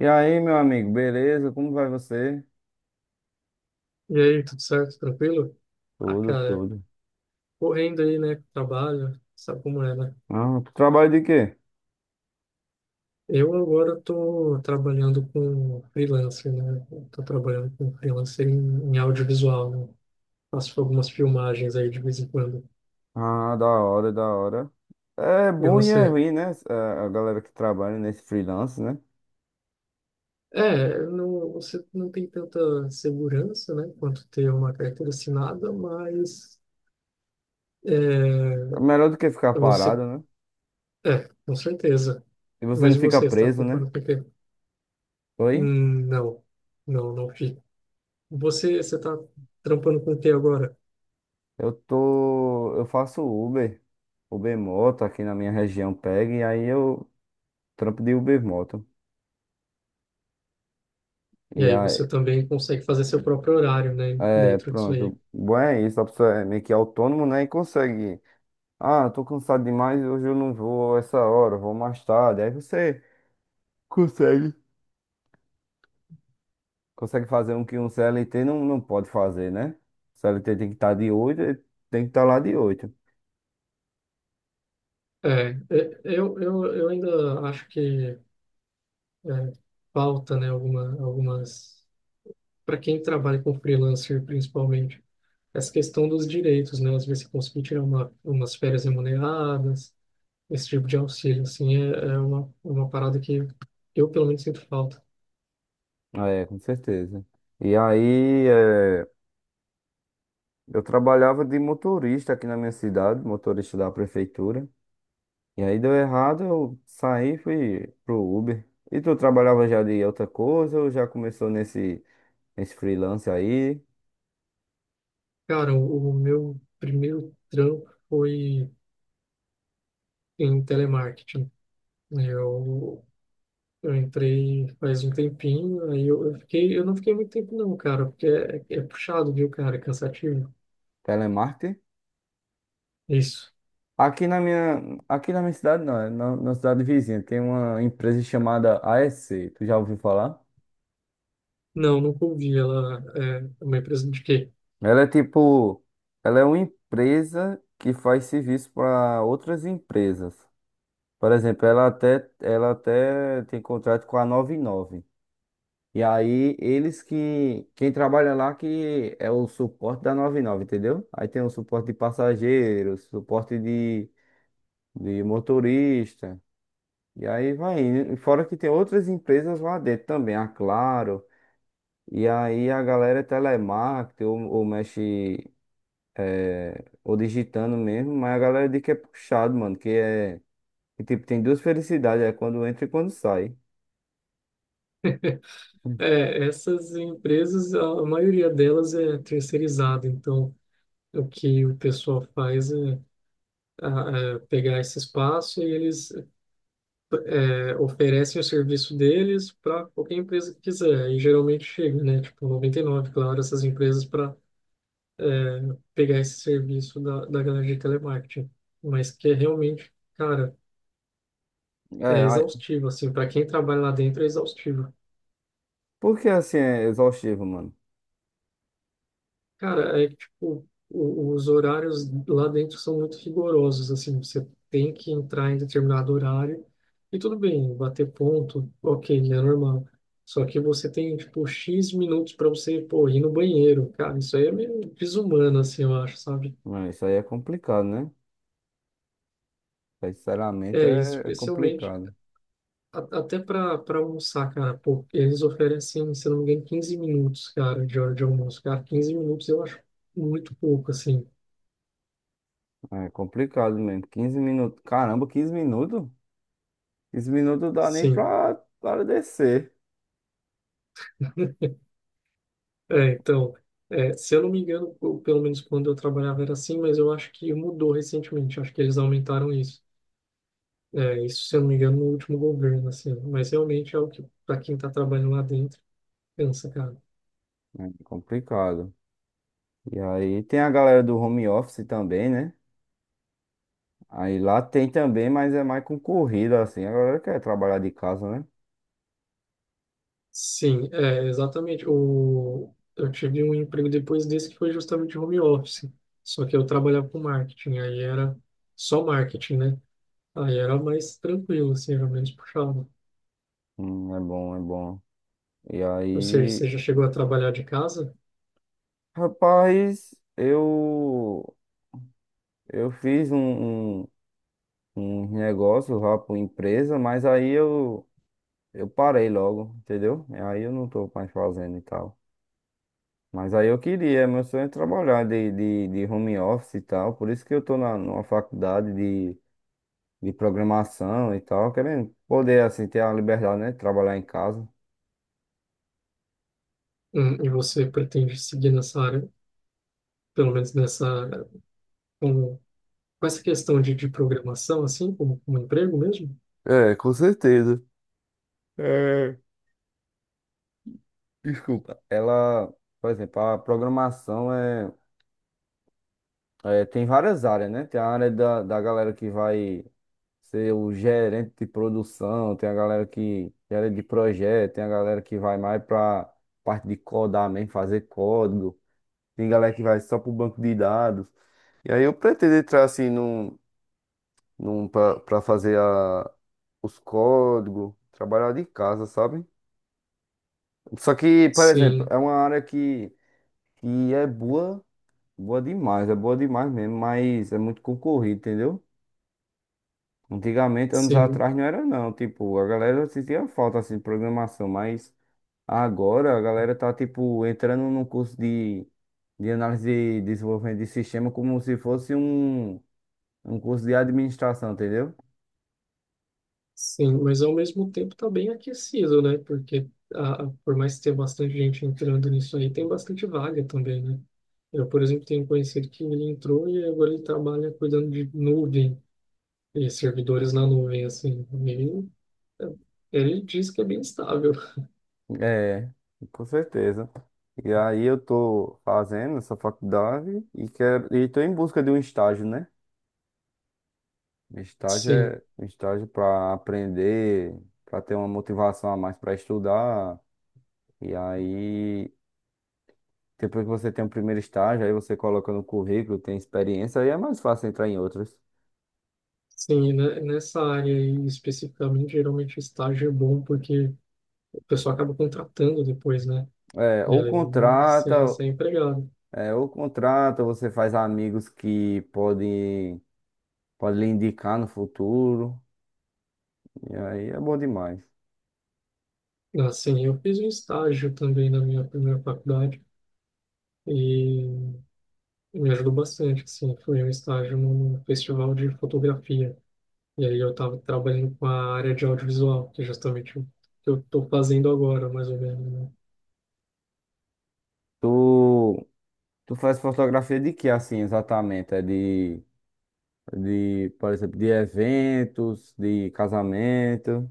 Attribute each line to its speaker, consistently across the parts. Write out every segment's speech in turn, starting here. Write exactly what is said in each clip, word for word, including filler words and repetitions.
Speaker 1: E aí, meu amigo, beleza? Como vai você?
Speaker 2: E aí, tudo certo? Tranquilo? Ah,
Speaker 1: Tudo,
Speaker 2: cara,
Speaker 1: tudo.
Speaker 2: correndo aí, né? Trabalho, sabe como é, né?
Speaker 1: Ah, tu trabalha de quê?
Speaker 2: Eu agora tô trabalhando com freelancer, né? Eu Tô trabalhando com freelancer em, em audiovisual, né? Faço algumas filmagens aí de vez em quando.
Speaker 1: Ah, da hora, da hora. É
Speaker 2: E
Speaker 1: bom e é
Speaker 2: você?
Speaker 1: ruim, né? A a galera que trabalha nesse freelance, né?
Speaker 2: É, não, você não tem tanta segurança, né? Quanto ter uma carteira assinada, mas
Speaker 1: É
Speaker 2: é,
Speaker 1: melhor do que ficar
Speaker 2: você...
Speaker 1: parado, né?
Speaker 2: É, com certeza.
Speaker 1: E você
Speaker 2: Mas
Speaker 1: não
Speaker 2: e
Speaker 1: fica
Speaker 2: você? Está tá
Speaker 1: preso, né?
Speaker 2: trampando porque...
Speaker 1: Oi?
Speaker 2: Hum, Não, não, não fico. Você você está trampando com o que agora?
Speaker 1: Eu tô. Eu faço Uber, Uber Moto aqui na minha região pega, e aí eu trampo de Uber Moto.
Speaker 2: E
Speaker 1: E
Speaker 2: aí
Speaker 1: aí,
Speaker 2: você também consegue fazer seu próprio horário, né,
Speaker 1: é,
Speaker 2: dentro disso aí.
Speaker 1: pronto. Bom é isso, a pessoa é meio que autônomo, né? E consegue. Ah, tô cansado demais, hoje eu não vou a essa hora, eu vou mais tarde. Aí você consegue. Consegue fazer um que um C L T não, não pode fazer, né? C L T tem que estar de oito, eh, tem que estar lá de oito.
Speaker 2: É, é, eu, eu, eu ainda acho que é, falta, né, alguma, algumas. Para quem trabalha com freelancer, principalmente, essa questão dos direitos, né? Às vezes você conseguir tirar uma, umas férias remuneradas, esse tipo de auxílio, assim, é, é uma, uma parada que eu, pelo menos, sinto falta.
Speaker 1: É, com certeza. E aí, é, eu trabalhava de motorista aqui na minha cidade, motorista da prefeitura. E aí deu errado, eu saí e fui pro Uber. E tu trabalhava já de outra coisa ou já começou nesse, nesse freelance aí,
Speaker 2: Cara, o, o meu primeiro trampo foi em telemarketing. Eu, eu entrei faz um tempinho, aí eu, eu fiquei, eu não fiquei muito tempo não, cara, porque é, é é puxado, viu, cara, é cansativo.
Speaker 1: telemarketing?
Speaker 2: Isso.
Speaker 1: Aqui na minha, aqui na minha cidade, não, é na, na cidade vizinha, tem uma empresa chamada A S C. Tu já ouviu falar?
Speaker 2: Não, nunca ouvi, ela é uma empresa de quê?
Speaker 1: Ela é tipo, ela é uma empresa que faz serviço para outras empresas. Por exemplo, ela até, ela até tem contrato com a noventa e nove. E nove e aí eles que, quem trabalha lá que é o suporte da noventa e nove, entendeu? Aí tem o suporte de passageiros, suporte de, de motorista. E aí vai indo. E fora que tem outras empresas lá dentro também, a Claro. E aí a galera é telemarketing ou, ou mexe, é, ou digitando mesmo, mas a galera diz que é puxado, mano, que é. Que, tipo, tem duas felicidades, é quando entra e quando sai.
Speaker 2: É, essas empresas, a, a maioria delas é terceirizada, então o que o pessoal faz é, a- é pegar esse espaço e eles é, oferecem o serviço deles para qualquer empresa que quiser, e geralmente chega, né, tipo noventa e nove, Claro, essas empresas para é, pegar esse serviço da, da galera de telemarketing, mas que é realmente, cara,
Speaker 1: É,
Speaker 2: é
Speaker 1: aí-
Speaker 2: exaustivo, assim, para quem trabalha lá dentro é exaustivo.
Speaker 1: porque assim é exaustivo, mano.
Speaker 2: Cara, é que, tipo, o- os horários lá dentro são muito rigorosos, assim, você tem que entrar em determinado horário e tudo bem, bater ponto, ok, é normal. Só que você tem, tipo, X minutos para você, pô, ir no banheiro, cara, isso aí é meio desumano, assim, eu acho, sabe?
Speaker 1: Não, isso aí é complicado, né? Sinceramente
Speaker 2: É,
Speaker 1: é é
Speaker 2: especialmente
Speaker 1: complicado.
Speaker 2: a- até para para almoçar, cara, pô, eles oferecem, se não me engano, quinze minutos, cara, de hora de almoço, cara, quinze minutos eu acho muito pouco, assim,
Speaker 1: É complicado mesmo. Quinze minutos. Caramba, quinze minutos? Quinze minutos dá nem
Speaker 2: sim.
Speaker 1: pra, para descer.
Speaker 2: É, então, é, se eu não me engano, eu- pelo menos quando eu trabalhava era assim, mas eu acho que mudou recentemente, acho que eles aumentaram isso. É, isso, se eu não me engano, no último governo, assim, mas realmente é o que, para quem está trabalhando lá dentro, cansa, cara.
Speaker 1: É complicado. E aí tem a galera do home office também, né? Aí lá tem também, mas é mais concorrido, assim. A galera quer trabalhar de casa, né?
Speaker 2: Sim, é, exatamente. O, eu tive um emprego depois desse que foi justamente home office. Só que eu trabalhava com marketing, aí era só marketing, né? Aí era mais tranquilo, assim, era menos puxado.
Speaker 1: Hum, é bom, é bom. E
Speaker 2: Ou seja,
Speaker 1: aí,
Speaker 2: você já chegou a trabalhar de casa,
Speaker 1: rapaz, eu, eu fiz um, um, um negócio lá pra empresa, mas aí eu, eu parei logo, entendeu? E aí eu não tô mais fazendo e tal. Mas aí eu queria, meu sonho é trabalhar de, de, de home office e tal. Por isso que eu tô na, numa faculdade de programação e tal, querendo poder, assim, ter a liberdade, né? De trabalhar em casa.
Speaker 2: hum, e você pretende seguir nessa área, pelo menos nessa, com, com essa questão de, de programação, assim, como, como emprego mesmo?
Speaker 1: É, com certeza. É, desculpa. Ela, por exemplo, a programação é, é- tem várias áreas, né? Tem a área da, da galera que vai ser o gerente de produção, tem a galera que gera de projeto, tem a galera que vai mais para parte de codar mesmo, fazer código, tem galera que vai só para o banco de dados. E aí eu pretendo entrar assim num, num para fazer a os códigos, trabalhar de casa, sabe? Só que, por exemplo,
Speaker 2: Sim,
Speaker 1: é uma área que, que é boa, boa demais, é boa demais mesmo, mas é muito concorrido, entendeu? Antigamente, anos
Speaker 2: sim.
Speaker 1: atrás, não era não, tipo, a galera sentia falta, assim, de programação, mas agora a galera tá, tipo, entrando num curso de, de análise e desenvolvimento de sistema como se fosse um, um curso de administração, entendeu?
Speaker 2: Sim, mas ao mesmo tempo está bem aquecido, né? Porque a, a- por mais que tenha bastante gente entrando nisso aí, tem bastante vaga também, né? Eu, por exemplo, tenho um conhecido que ele entrou e agora ele trabalha cuidando de nuvem e servidores na nuvem, assim. Ele, ele diz que é bem estável.
Speaker 1: É, com certeza. E aí eu tô fazendo essa faculdade e quero e tô em busca de um estágio, né? Um estágio
Speaker 2: Sim,
Speaker 1: é um estágio para aprender, para ter uma motivação a mais para estudar. E aí depois que você tem o primeiro estágio, aí você coloca no currículo, tem experiência, aí é mais fácil entrar em outros.
Speaker 2: sim, né? Nessa área aí especificamente, geralmente o estágio é bom porque o pessoal acaba contratando depois, né?
Speaker 1: É,
Speaker 2: E
Speaker 1: ou
Speaker 2: aí você
Speaker 1: contrata,
Speaker 2: já sai empregado.
Speaker 1: é, ou contrata, você faz amigos que podem, podem lhe indicar no futuro. E aí é bom demais.
Speaker 2: Assim, eu fiz um estágio também na minha primeira faculdade e me ajudou bastante, assim, foi um estágio num festival de fotografia. E aí eu estava trabalhando com a área de audiovisual, que é justamente o que eu estou fazendo agora, mais ou menos, né?
Speaker 1: Tu, tu faz fotografia de que assim exatamente? É de, de, por exemplo, de eventos, de casamento.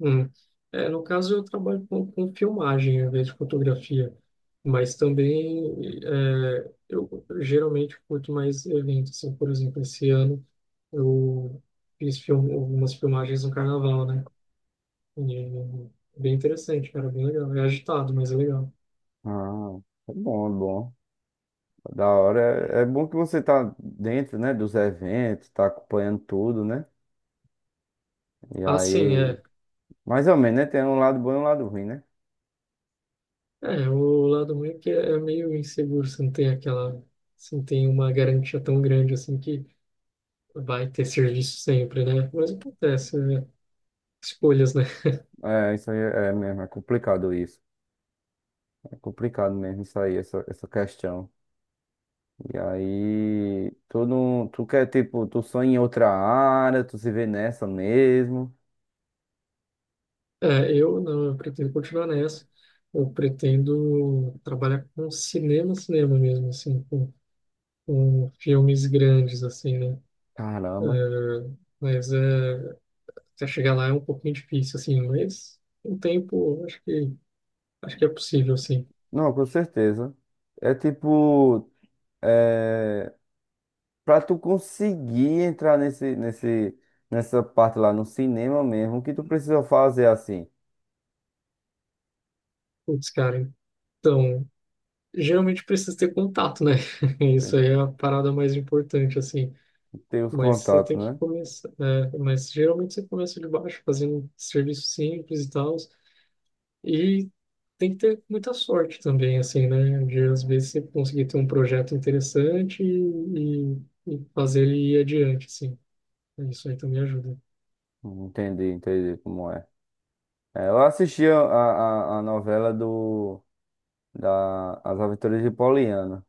Speaker 2: Hum. É, no caso, eu trabalho com, com filmagem em vez de fotografia, mas também é, eu geralmente curto mais eventos, assim, por exemplo, esse ano eu fiz film, algumas filmagens no carnaval, né? E é bem interessante, cara, bem legal. É agitado, mas é legal.
Speaker 1: Ah, é bom, é bom. Da hora. É, é bom que você tá dentro, né, dos eventos, tá acompanhando tudo, né? E
Speaker 2: Ah, sim,
Speaker 1: aí,
Speaker 2: é.
Speaker 1: mais ou menos, né? Tem um lado bom e um lado ruim, né?
Speaker 2: É, o lado ruim é que é meio inseguro, você não tem aquela, você não tem uma garantia tão grande assim que vai ter serviço sempre, né? Mas acontece, né? Escolhas, né?
Speaker 1: É, isso aí é mesmo, é complicado isso. É complicado mesmo isso aí, essa, essa questão. E aí, tu não, tu quer, tipo, tu sonha em outra área, tu se vê nessa mesmo.
Speaker 2: É, eu não, eu pretendo continuar nessa. Eu pretendo trabalhar com cinema, cinema mesmo, assim, com, com filmes grandes, assim, né? É,
Speaker 1: Caramba.
Speaker 2: mas é. Você chegar lá é um pouquinho difícil, assim, mas com o tempo acho que acho que é possível, assim.
Speaker 1: Não, com certeza. É tipo, é, pra tu conseguir entrar nesse, nesse, nessa parte lá no cinema mesmo, o que tu precisa fazer assim?
Speaker 2: Putz, cara, então, geralmente precisa ter contato, né?
Speaker 1: Tem
Speaker 2: Isso
Speaker 1: que
Speaker 2: aí é a parada mais importante, assim.
Speaker 1: ter os
Speaker 2: Mas você
Speaker 1: contatos,
Speaker 2: tem que
Speaker 1: né?
Speaker 2: começar, né? Mas geralmente você começa de baixo, fazendo serviço simples e tal. E tem que ter muita sorte também, assim, né? De às vezes você conseguir ter um projeto interessante e, e, e fazer ele ir adiante, assim. Isso aí também ajuda.
Speaker 1: Entendi, entendi como é. É, eu assisti a, a, a a novela do, da, As Aventuras de Poliana.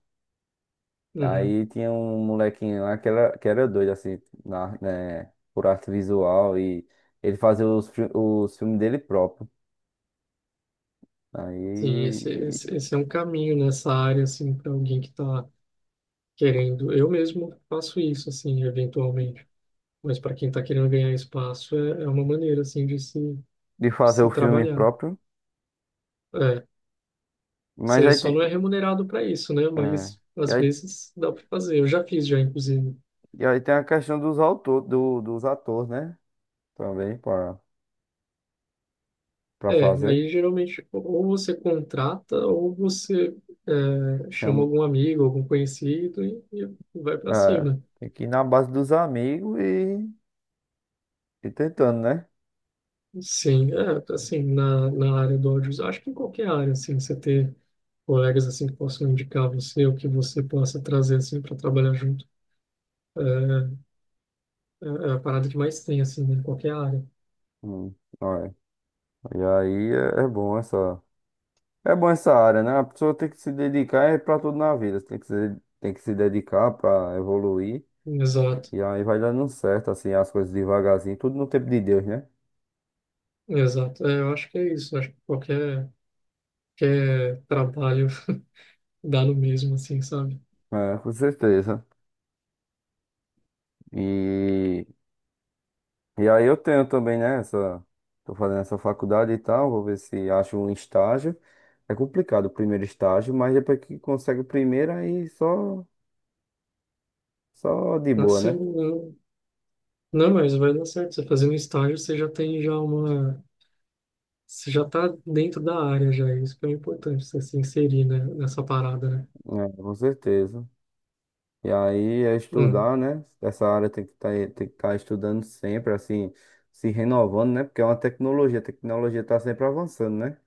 Speaker 2: Uhum.
Speaker 1: Aí tinha um molequinho lá que era, que era doido, assim, na, né, por arte visual e ele fazia os, fi- os filmes dele próprio.
Speaker 2: Sim,
Speaker 1: Aí,
Speaker 2: esse, esse, esse é um caminho nessa área, assim, para alguém que está querendo. Eu mesmo faço isso, assim, eventualmente. Mas para quem está querendo ganhar espaço, é, é uma maneira, assim, de se,
Speaker 1: de fazer
Speaker 2: se
Speaker 1: o filme
Speaker 2: trabalhar.
Speaker 1: próprio.
Speaker 2: É,
Speaker 1: Mas
Speaker 2: você
Speaker 1: aí,
Speaker 2: só
Speaker 1: te-
Speaker 2: não é remunerado para isso, né?
Speaker 1: é,
Speaker 2: Mas
Speaker 1: e
Speaker 2: às
Speaker 1: aí,
Speaker 2: vezes dá para fazer. Eu já fiz, já, inclusive.
Speaker 1: e aí tem a questão dos autores, do, dos atores, né? Também, para para
Speaker 2: É,
Speaker 1: fazer.
Speaker 2: aí geralmente ou você contrata ou você é, chama
Speaker 1: Chama,
Speaker 2: algum amigo, algum conhecido e, e vai para
Speaker 1: é,
Speaker 2: cima.
Speaker 1: tem que ir na base dos amigos e, e tentando, né?
Speaker 2: Sim, é, assim, na, na área do audiovisual, acho que em qualquer área, assim, você ter colegas, assim, que possam indicar você, ou que você possa trazer, assim, para trabalhar junto, é, é é a parada que mais tem, assim, né, em qualquer área.
Speaker 1: Hum, olha. E aí é, é bom essa. É bom essa área, né? A pessoa tem que se dedicar é pra tudo na vida. Você tem que se, tem que se dedicar pra evoluir.
Speaker 2: Exato,
Speaker 1: E aí vai dando certo, assim, as coisas devagarzinho. Tudo no tempo de Deus, né?
Speaker 2: exato. É, eu acho que é isso, acho que qualquer, qualquer trabalho dá no mesmo, assim, sabe?
Speaker 1: É, com certeza. E, e aí eu tenho também, né? Essa, tô fazendo essa faculdade e tal. Vou ver se acho um estágio. É complicado o primeiro estágio, mas depois que consegue o primeiro, aí só, só de boa,
Speaker 2: Assim,
Speaker 1: né?
Speaker 2: não, não, mas vai dar certo, você fazendo estágio, você já tem já uma. Você já tá dentro da área, já, isso que é o importante, você se inserir, né, nessa parada, né?
Speaker 1: É, com certeza. E aí é
Speaker 2: Uhum.
Speaker 1: estudar, né? Essa área tem que tá, tem que estar estudando sempre, assim, se renovando, né? Porque é uma tecnologia, a tecnologia tá sempre avançando, né?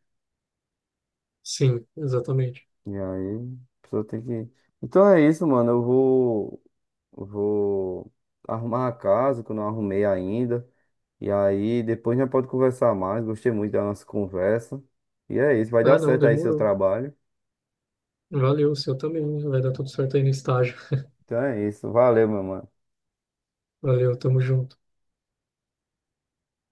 Speaker 2: Sim, exatamente.
Speaker 1: E aí a pessoa tem que. Então é isso, mano. Eu vou, vou arrumar a casa que eu não arrumei ainda. E aí depois já pode conversar mais. Gostei muito da nossa conversa. E é isso, vai dar
Speaker 2: Ah, não,
Speaker 1: certo aí seu
Speaker 2: demorou.
Speaker 1: trabalho.
Speaker 2: Valeu, o seu também. Vai dar tudo certo aí no estágio.
Speaker 1: Então é isso. Valeu, meu mano.
Speaker 2: Valeu, tamo junto.